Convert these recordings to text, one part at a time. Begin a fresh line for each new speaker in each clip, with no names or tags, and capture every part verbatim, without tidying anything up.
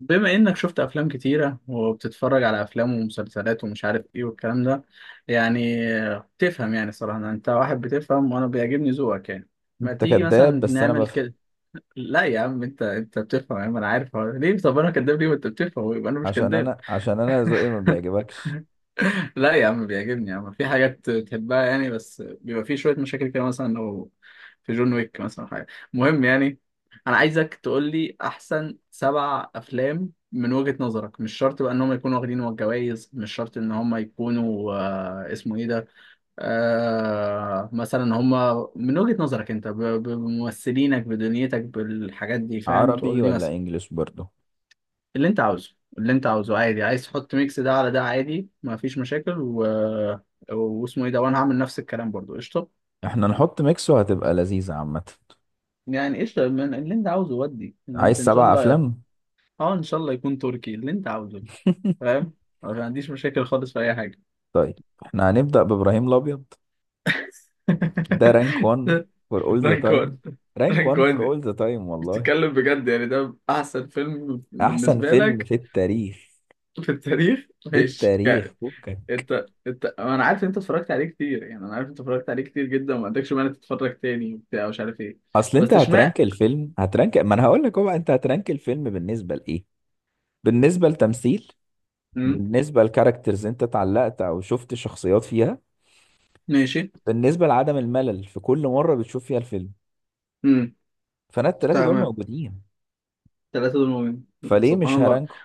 بما انك شفت افلام كتيرة وبتتفرج على افلام ومسلسلات ومش عارف ايه والكلام ده يعني بتفهم. يعني صراحة انت واحد بتفهم وانا بيعجبني ذوقك يعني. ما
انت
تيجي
كداب،
مثلا
بس انا
نعمل
بفهم.
كده. لا يا عم، انت انت بتفهم يا عم، انا عارف هو ليه؟ طب انا كداب ليه وانت بتفهم ويبقى انا مش
عشان
كداب؟
انا عشان انا ذوقي ما بيعجبكش.
لا يا عم بيعجبني يا عم، في حاجات تحبها يعني، بس بيبقى في شوية مشاكل كده مثلا لو في جون ويك مثلا حاجة مهم يعني. أنا عايزك تقول لي أحسن سبع أفلام من وجهة نظرك، مش شرط بقى إن هم يكونوا واخدين الجوائز، مش شرط إن هم يكونوا آه اسمه إيه ده، آه مثلا هم من وجهة نظرك أنت ب- بممثلينك بدنيتك بالحاجات دي، فاهم، تقول
عربي
لي
ولا
مثلا.
انجليش؟ برضو
اللي انت عاوزه اللي انت عاوزه عادي، عايز تحط ميكس ده على ده عادي، ما فيش مشاكل و... واسمه ايه ده، وانا هعمل نفس الكلام برضو قشطه.
احنا نحط ميكس وهتبقى لذيذة عامة.
يعني قشطه، من اللي انت عاوزه ودي اللي
عايز
انت ان شاء
سبع
الله.
افلام.
اه ان شاء الله يكون تركي اللي انت عاوزه. فاهم. أنا ما عنديش مشاكل خالص في اي حاجه.
طيب، احنا هنبدأ بإبراهيم الأبيض. ده رانك وان فور اول ذا تايم.
رانكون؟
رانك وان فور
رانكون دي،
اول ذا تايم والله.
بتتكلم بجد يعني؟ ده احسن فيلم
احسن
بالنسبه
فيلم
لك؟
في التاريخ.
في التاريخ،
في
ماشي.
التاريخ فكك.
انت انت، انا عارف انت اتفرجت عليه كتير يعني، انا عارف انت اتفرجت عليه كتير جدا وما عندكش مانع تتفرج تاني وبتاع مش عارف ايه.
اصل انت
بس
هترانك
اشمعنى؟
الفيلم، هترانك، ما انا هقول لك. هو انت هترانك الفيلم بالنسبة لايه؟ بالنسبة لتمثيل.
امم.
بالنسبة لكاركترز انت اتعلقت او شفت شخصيات فيها.
ماشي.
بالنسبة لعدم الملل في كل مرة بتشوف فيها الفيلم.
امم.
فانا التلاتة دول
تمام.
موجودين،
ثلاثة دول مؤمنين.
فليه
سبحان
مش
الله.
هرانكو؟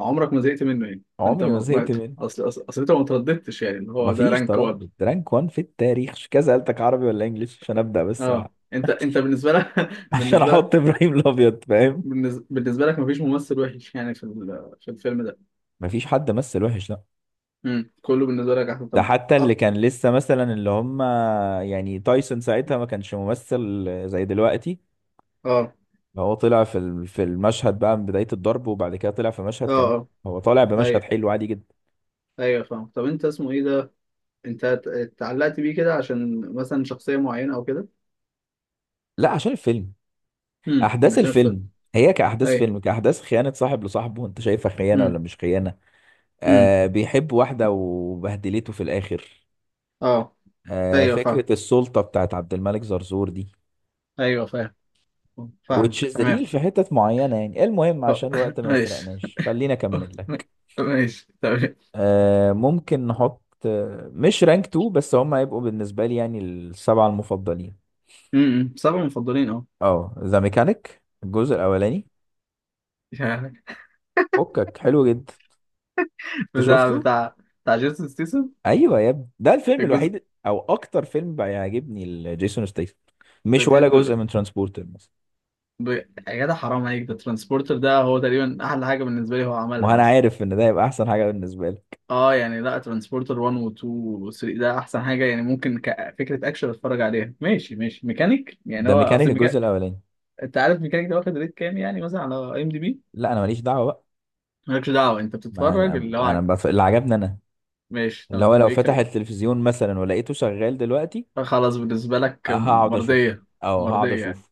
عمرك ما زهقت منه يعني؟ انت
عمري ما
ما ما-
زهقت منه.
اصل اصل اصل انت ما ترددتش يعني، اللي هو ده
مفيش
رانك واحد.
تردد، رانك وان في التاريخ، مش كذا سألتك عربي ولا انجليش عشان ابدأ بس. أ-
اه، انت انت بالنسبة لك.
عشان
بالنسبة لك،
احط ابراهيم الابيض، فاهم.
بالنس- بالنسبة لك مفيش ممثل وحش يعني في ال- في الفيلم ده؟
مفيش حد مثل وحش، لا.
امم، كله بالنسبة لك احسن،
ده
طب
حتى اللي
أكتر.
كان لسه مثلا اللي هم، يعني تايسون ساعتها ما كانش ممثل زي دلوقتي.
اه،
هو طلع في ال- في المشهد بقى من بداية الضرب، وبعد كده طلع في مشهد
اه،
كمان.
اه،
هو طالع بمشهد
ايوه،
حلو عادي جدا.
ايوه فاهم. طب انت اسمه ايه ده، انت ات- اتعلقت بيه كده عشان مثلا شخصية معينة او كده؟
لا، عشان الفيلم.
امم،
أحداث
عشان فيلم.
الفيلم. هي كأحداث
ايوه،
فيلم، كأحداث خيانة صاحب لصاحبه. أنت شايفها خيانة ولا
امم،
مش خيانة؟
امم،
آه، بيحب واحدة وبهدلته في الآخر.
اه،
آه،
ايوه فاهم،
فكرة السلطة بتاعت عبد الملك زرزور دي.
ايوه فاهم، فاهمك
وتشيز
تمام.
ريل في حتت معينة. يعني المهم
اه،
عشان الوقت ما
ماشي.
يسرقناش خلينا أكمل لك.
ماشي تمام.
آه ممكن نحط، آه، مش رانك تو، بس هم هيبقوا بالنسبة لي يعني السبعة المفضلين.
امم سبعة مفضلين اه.
اه ذا ميكانيك الجزء الاولاني.
يعني
فكك حلو جدا. انت
بتاع
شفته؟
بتاع بتاع جيسون ستيسن.
ايوه يا ابني، ده الفيلم
الجزء.
الوحيد او اكتر فيلم بيعجبني لجيسون ستيثم.
انت
مش ولا جزء
بتحب
من ترانسبورتر مثلا.
ب... يا جدع حرام عليك، ده ترانسبورتر ده هو تقريبا احلى حاجة بالنسبة لي هو
ما
عملها
انا
اصلا.
عارف ان ده يبقى احسن حاجه بالنسبه لك.
اه يعني لا، ترانسبورتر واحد و اتنين و تلاتة ده احسن حاجه يعني، ممكن كفكره اكشن اتفرج عليها، ماشي ماشي ميكانيك يعني،
ذا
هو
ميكانيك
اصل
الجزء
ميكانيك.
الاولاني.
انت عارف ميكانيك ده واخد ريت كام يعني مثلا على اي ام دي بي؟
لا، انا ماليش دعوه بقى.
مالكش دعوه، انت
ما
بتتفرج
انا
اللي هو
انا
عاجبك.
بف... اللي عجبني انا.
ماشي
اللي هو
تمام،
لو
وايه
فتح
كده؟
التلفزيون مثلا ولقيته شغال دلوقتي
خلاص، بالنسبه لك
هقعد اشوف،
مرضيه.
او هقعد
مرضيه يعني.
اشوف.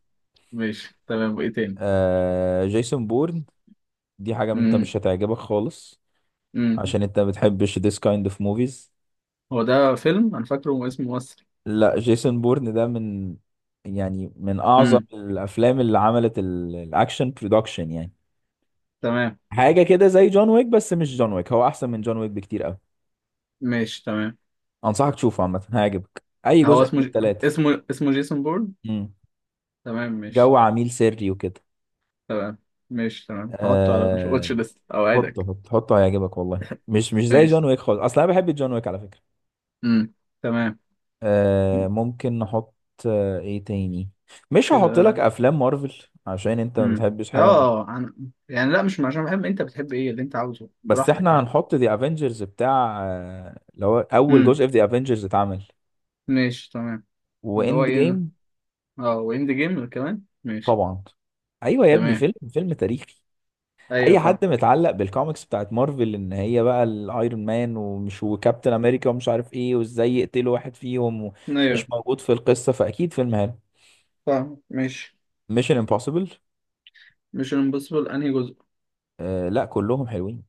ماشي تمام، وايه تاني؟
آه... جيسون بورن. دي حاجه انت مش
امم.
هتعجبك خالص،
امم.
عشان انت بتحبش this kind of movies.
هو ده فيلم انا فاكره اسمه مصري.
لا، جيسون بورن ده من، يعني من اعظم
امم.
الافلام اللي عملت ال- الاكشن برودكشن يعني.
تمام
حاجه كده زي جون ويك، بس مش جون ويك، هو احسن من جون ويك بكتير قوي.
ماشي. تمام.
انصحك تشوفه عامه، هيعجبك اي
هو
جزء من
اسمه
الثلاثه.
اسمه اسمه جيسون بورن.
امم.
تمام
جو
ماشي.
عميل سري وكده.
تمام ماشي تمام، هحطه على
أه...
الواتش ليست
حطه
اوعدك.
حطه حطه، هيعجبك والله. مش مش زي
ماشي.
جون ويك خالص، اصل انا بحب جون ويك على فكره.
امم. تمام.
أه... ممكن نحط، آه، ايه تاني. مش هحط لك
كده.
افلام مارفل عشان انت ما
امم.
بتحبش حاجه.
اه عن... يعني لا مش عشان بحب، انت بتحب ايه اللي انت عاوزه
بس
براحتك
احنا
يعني.
هنحط ذا افنجرز بتاع، آه، اللي هو اول
امم،
جزء في ذا افنجرز اتعمل.
ماشي تمام. اللي هو
واند جيم.
ايه؟ اه، واند جيم كمان ماشي
طبعا. ايوه يا ابني،
تمام.
فيلم فيلم تاريخي.
ايوه
اي
فاهم،
حد متعلق بالكوميكس بتاعت مارفل ان هي بقى الايرون مان ومش وكابتن امريكا ومش عارف ايه، وازاي يقتلوا واحد فيهم
ايوه
ومش موجود في القصه، فاكيد فيلم حلو.
فاهم، ماشي.
ميشن امبوسيبل.
مش امبوسيبل انهي جزء؟
آه لا، كلهم حلوين.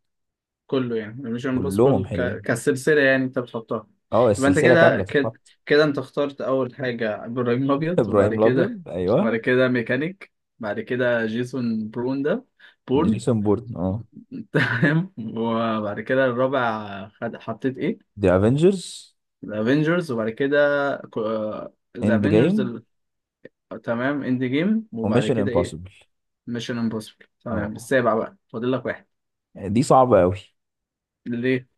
كله يعني، مش
كلهم
امبوسيبل ك...
حلوين.
كسلسلة يعني انت بتحطها.
اه
يبقى انت
السلسله
كده
كامله
كده.
تتحط.
كده انت اخترت اول حاجة ابراهيم الابيض، وبعد
ابراهيم
كده.
الابيض
وبعد
ايوه.
كده ميكانيك. بعد كده جيسون برون ده، بورن.
جيسون بورن اه.
تمام، وبعد كده الرابع خد... حطيت ايه؟
ذا افنجرز.
الافينجرز، وبعد كده. ذا
اند جيم.
افينجرز ال... تمام، اند جيم، وبعد
وميشن
كده ايه؟
امبوسيبل.
ميشن امبوسيبل، تمام،
اه،
السابع بقى فاضل لك واحد.
يعني دي صعبة قوي
ليه؟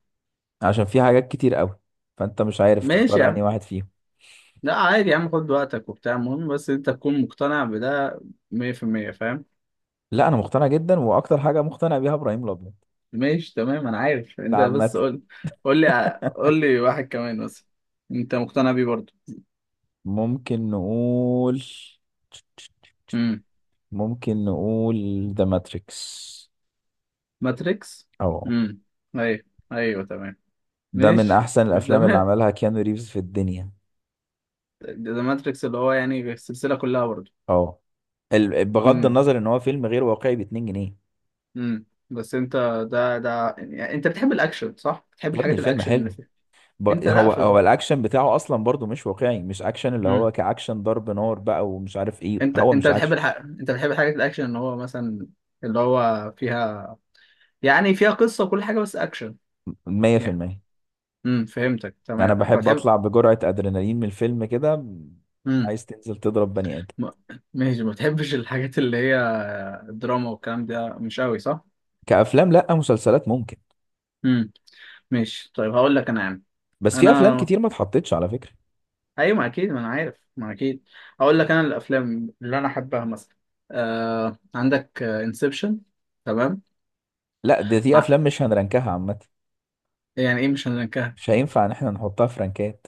عشان في حاجات كتير قوي، فانت مش عارف
ماشي يا
تختار انهي
عم.
واحد فيهم.
لا عادي يا عم، خد وقتك وبتاع، المهم بس انت تكون مقتنع بده مية في المية، فاهم.
لا انا مقتنع جدا، واكتر حاجة مقتنع بيها ابراهيم الابيض.
ماشي تمام، انا عارف
ده
انت، بس
عامة.
قول، قول لي قول لي واحد كمان بس، انت مقتنع بيه برضه.
ممكن نقول
امم.
ممكن نقول ذا ماتريكس.
ماتريكس.
اه.
امم. ايوه. ايوه تمام.
ده من
ماشي
احسن الافلام اللي
تمام.
عملها كيانو ريفز في الدنيا.
ده ده ماتريكس اللي هو يعني السلسلة كلها برضه؟
اه، ال- بغض
امم،
النظر ان هو فيلم غير واقعي ب اتنين جنيه.
امم، بس انت، ده ده يعني انت بتحب الاكشن صح؟ بتحب
يا ابني
الحاجات
الفيلم
الاكشن اللي
حلو.
فيها.
ب-
انت لا
هو
في.
هو الاكشن بتاعه اصلا برضو مش واقعي. مش اكشن اللي هو
امم.
كاكشن ضرب نار بقى ومش عارف ايه،
انت
هو
انت
مش
بتحب
اكشن.
الحاجة، انت بتحب الحاجات الاكشن ان هو مثلا اللي هو فيها يعني، فيها قصة وكل حاجة بس اكشن يعني.
مية في المية.
امم، فهمتك
انا
تمام، لكن
بحب
بتحب.
اطلع بجرعة ادرينالين من الفيلم كده.
امم.
عايز تنزل تضرب بني ادم.
م- ماشي، ما بتحبش الحاجات اللي هي الدراما والكلام ده مش قوي صح؟
كافلام لا، مسلسلات ممكن.
امم. ماشي طيب، هقول لك انا يا عم.
بس في افلام
انا
كتير ما اتحطتش على فكرة.
ايوه، ما اكيد، ما انا عارف، ما اكيد. هقول لك انا الافلام اللي انا احبها مثلا، آه... عندك انسبشن. تمام.
لا، دي دي افلام
ع-
مش هنرنكها عامة.
يعني ايه مش هنك...
مش هينفع ان احنا نحطها في رنكات.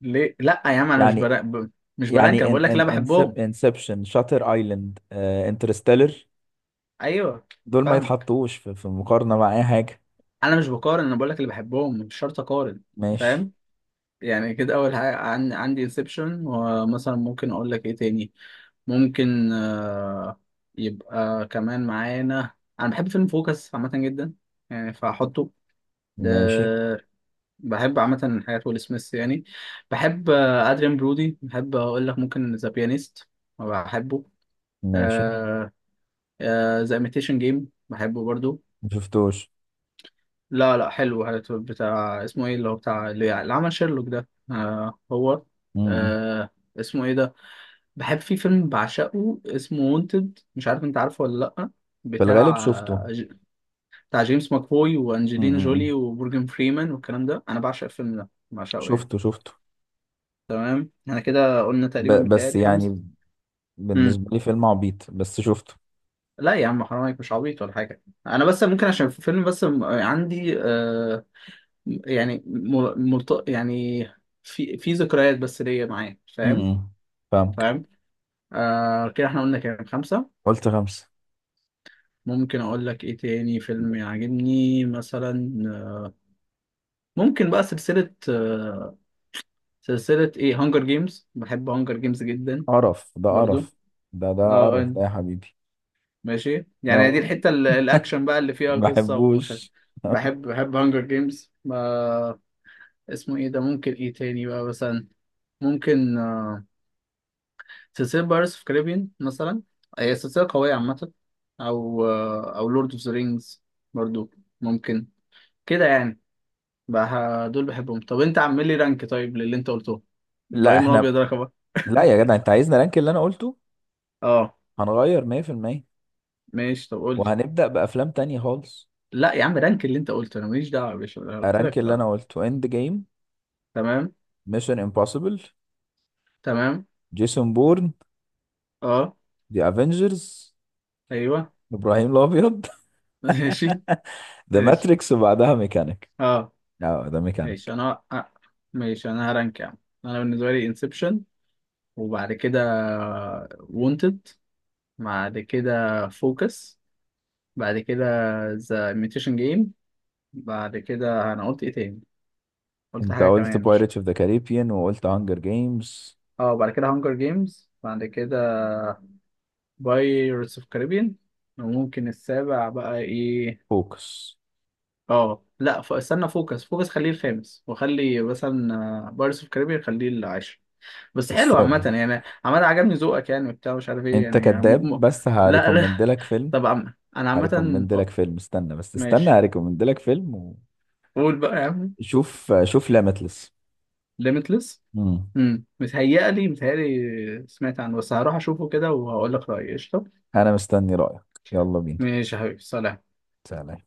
ليه؟ لا يا عم انا مش
يعني.
برا... ب... مش برانك، انا
يعني ان
بقول لك اللي انا
ان
بحبهم.
انسبشن، شاتر ايلاند، آه، انترستيلر،
ايوه
دول ما
فاهم.
يتحطوش في في مقارنة مع اي حاجة.
انا مش بقارن، انا بقول لك اللي بحبهم، مش شرط اقارن.
ماشي
فاهم. يعني كده اول حاجه عن... عندي انسبشن. ومثلا ممكن اقول لك ايه تاني، ممكن آه... يبقى كمان معانا انا بحب فيلم فوكس عامه جدا يعني، فهحطه.
ماشي
آه... بحب عامه حاجات ويل سميث يعني، بحب آه، ادريان برودي، بحب اقول لك ممكن ذا بيانيست، بحبه.
ماشي.
ذا ايميتيشن جيم بحبه برضو.
ما شفتوش.
لا لا حلو هاتو- بتاع اسمه ايه اللي هو بتاع اللي اللي عمل شيرلوك ده، آه هو.
امم،
آه اسمه ايه ده. بحب في فيلم بعشقه اسمه وونتد، مش عارف انت عارفه ولا لا،
في الغالب
بتاع
شفته.
ج- بتاع جيمس ماكفوي
امم، امم،
وانجلينا
امم.
جولي ومورجان فريمان والكلام ده، انا بعشق الفيلم ده بعشقه يعني.
شفته شفته.
تمام، احنا كده قلنا
ب...
تقريبا
بس
متهيألي خمسة.
يعني
امم.
بالنسبة لي فيلم عبيط بس شفته.
لا يا عم حرام عليك، مش عبيط ولا حاجة، انا بس ممكن عشان في فيلم بس م- عندي آه، يعني مل... ملت... يعني في في ذكريات بس ليا معاه،
امم،
فاهم.
امم. فاهمك.
فاهم. آه كده احنا قلنا كام، خمسة.
قلت خمسة.
ممكن اقول لك ايه تاني فيلم يعجبني مثلا، ممكن بقى سلسلة آه. سلسلة ايه، هانجر جيمز، بحب هانجر جيمز جدا،
قرف، ده
برضو.
قرف. ده ده
اه،
قرف
آه،
ده يا حبيبي.
ماشي يعني دي
اه.
الحتة ال- الاكشن بقى اللي فيها قصة ومش عارف.
بحبوش.
بحب بحب هانجر جيمز ما، اسمه ايه ده، ممكن ايه تاني بقى مثلا، ممكن سلسلة بايرتس في كاريبيان مثلا، هي سلسلة قوية عامة. أو أو لورد أوف ذا رينجز برضو، ممكن كده يعني. بقى دول بحبهم، طب أنت عامل لي رانك طيب للي أنت قلته،
لا
إبراهيم
احنا.
الأبيض رقم واحد.
لا يا جدع، انت عايزنا رانك اللي انا قلته؟
أه،
هنغير. مية في المية.
ماشي طب قول لي.
وهنبدأ بأفلام تانية خالص.
لا يا عم رانك اللي أنت قلته، أنا ماليش دعوة يا باشا، أنا قلت لك
رانك
في
اللي
الأول.
انا قلته: اند جيم،
تمام.
ميشن امبوسيبل،
تمام.
جيسون بورن،
أه.
ذا افنجرز،
أيوه.
ابراهيم الابيض،
ماشي.
ذا
ماشي.
ماتريكس، وبعدها ميكانيك.
أه،
اه ده
ماشي.
ميكانيك.
أنا أه. ماشي أنا هرانك يا عم، أنا بالنسبة لي انسبشن، وبعد كده وونتد، بعد كده فوكس، بعد كده ذا imitation جيم، بعد كده انا قلت ايه تاني، قلت
انت
حاجه
قلت
كمان مش.
بايرتس اوف ذا كاريبيان وقلت هانجر جيمز.
اه، بعد كده هانجر جيمز، بعد كده بايرتس اوف كاريبيان، وممكن السابع بقى ايه.
فوكس.
اه لا ف... استنى، فوكس فوكس خليه الخامس، وخلي مثلا بايرتس اوف كاريبيان خليه العاشر. بس حلو عامه
السادة.
يعني، عامه عجبني ذوقك يعني وبتاع مش عارف ايه
انت
يعني
كذاب،
م... م...
بس
لا لا.
هريكومند لك فيلم
طب عم... انا عامه
هريكومند
آه،
لك فيلم استنى بس استنى
ماشي.
هريكومند لك فيلم.
قول بقى يا عم.
وشوف، شوف ليميتلس.
limitless.
امم.
امم. متهيألي متهيألي سمعت عنه، بس هروح اشوفه كده وهقول لك رأيي، قشطة.
انا مستني رايك. يلا بينا.
ماشي يا حبيبي، سلام.
سلام.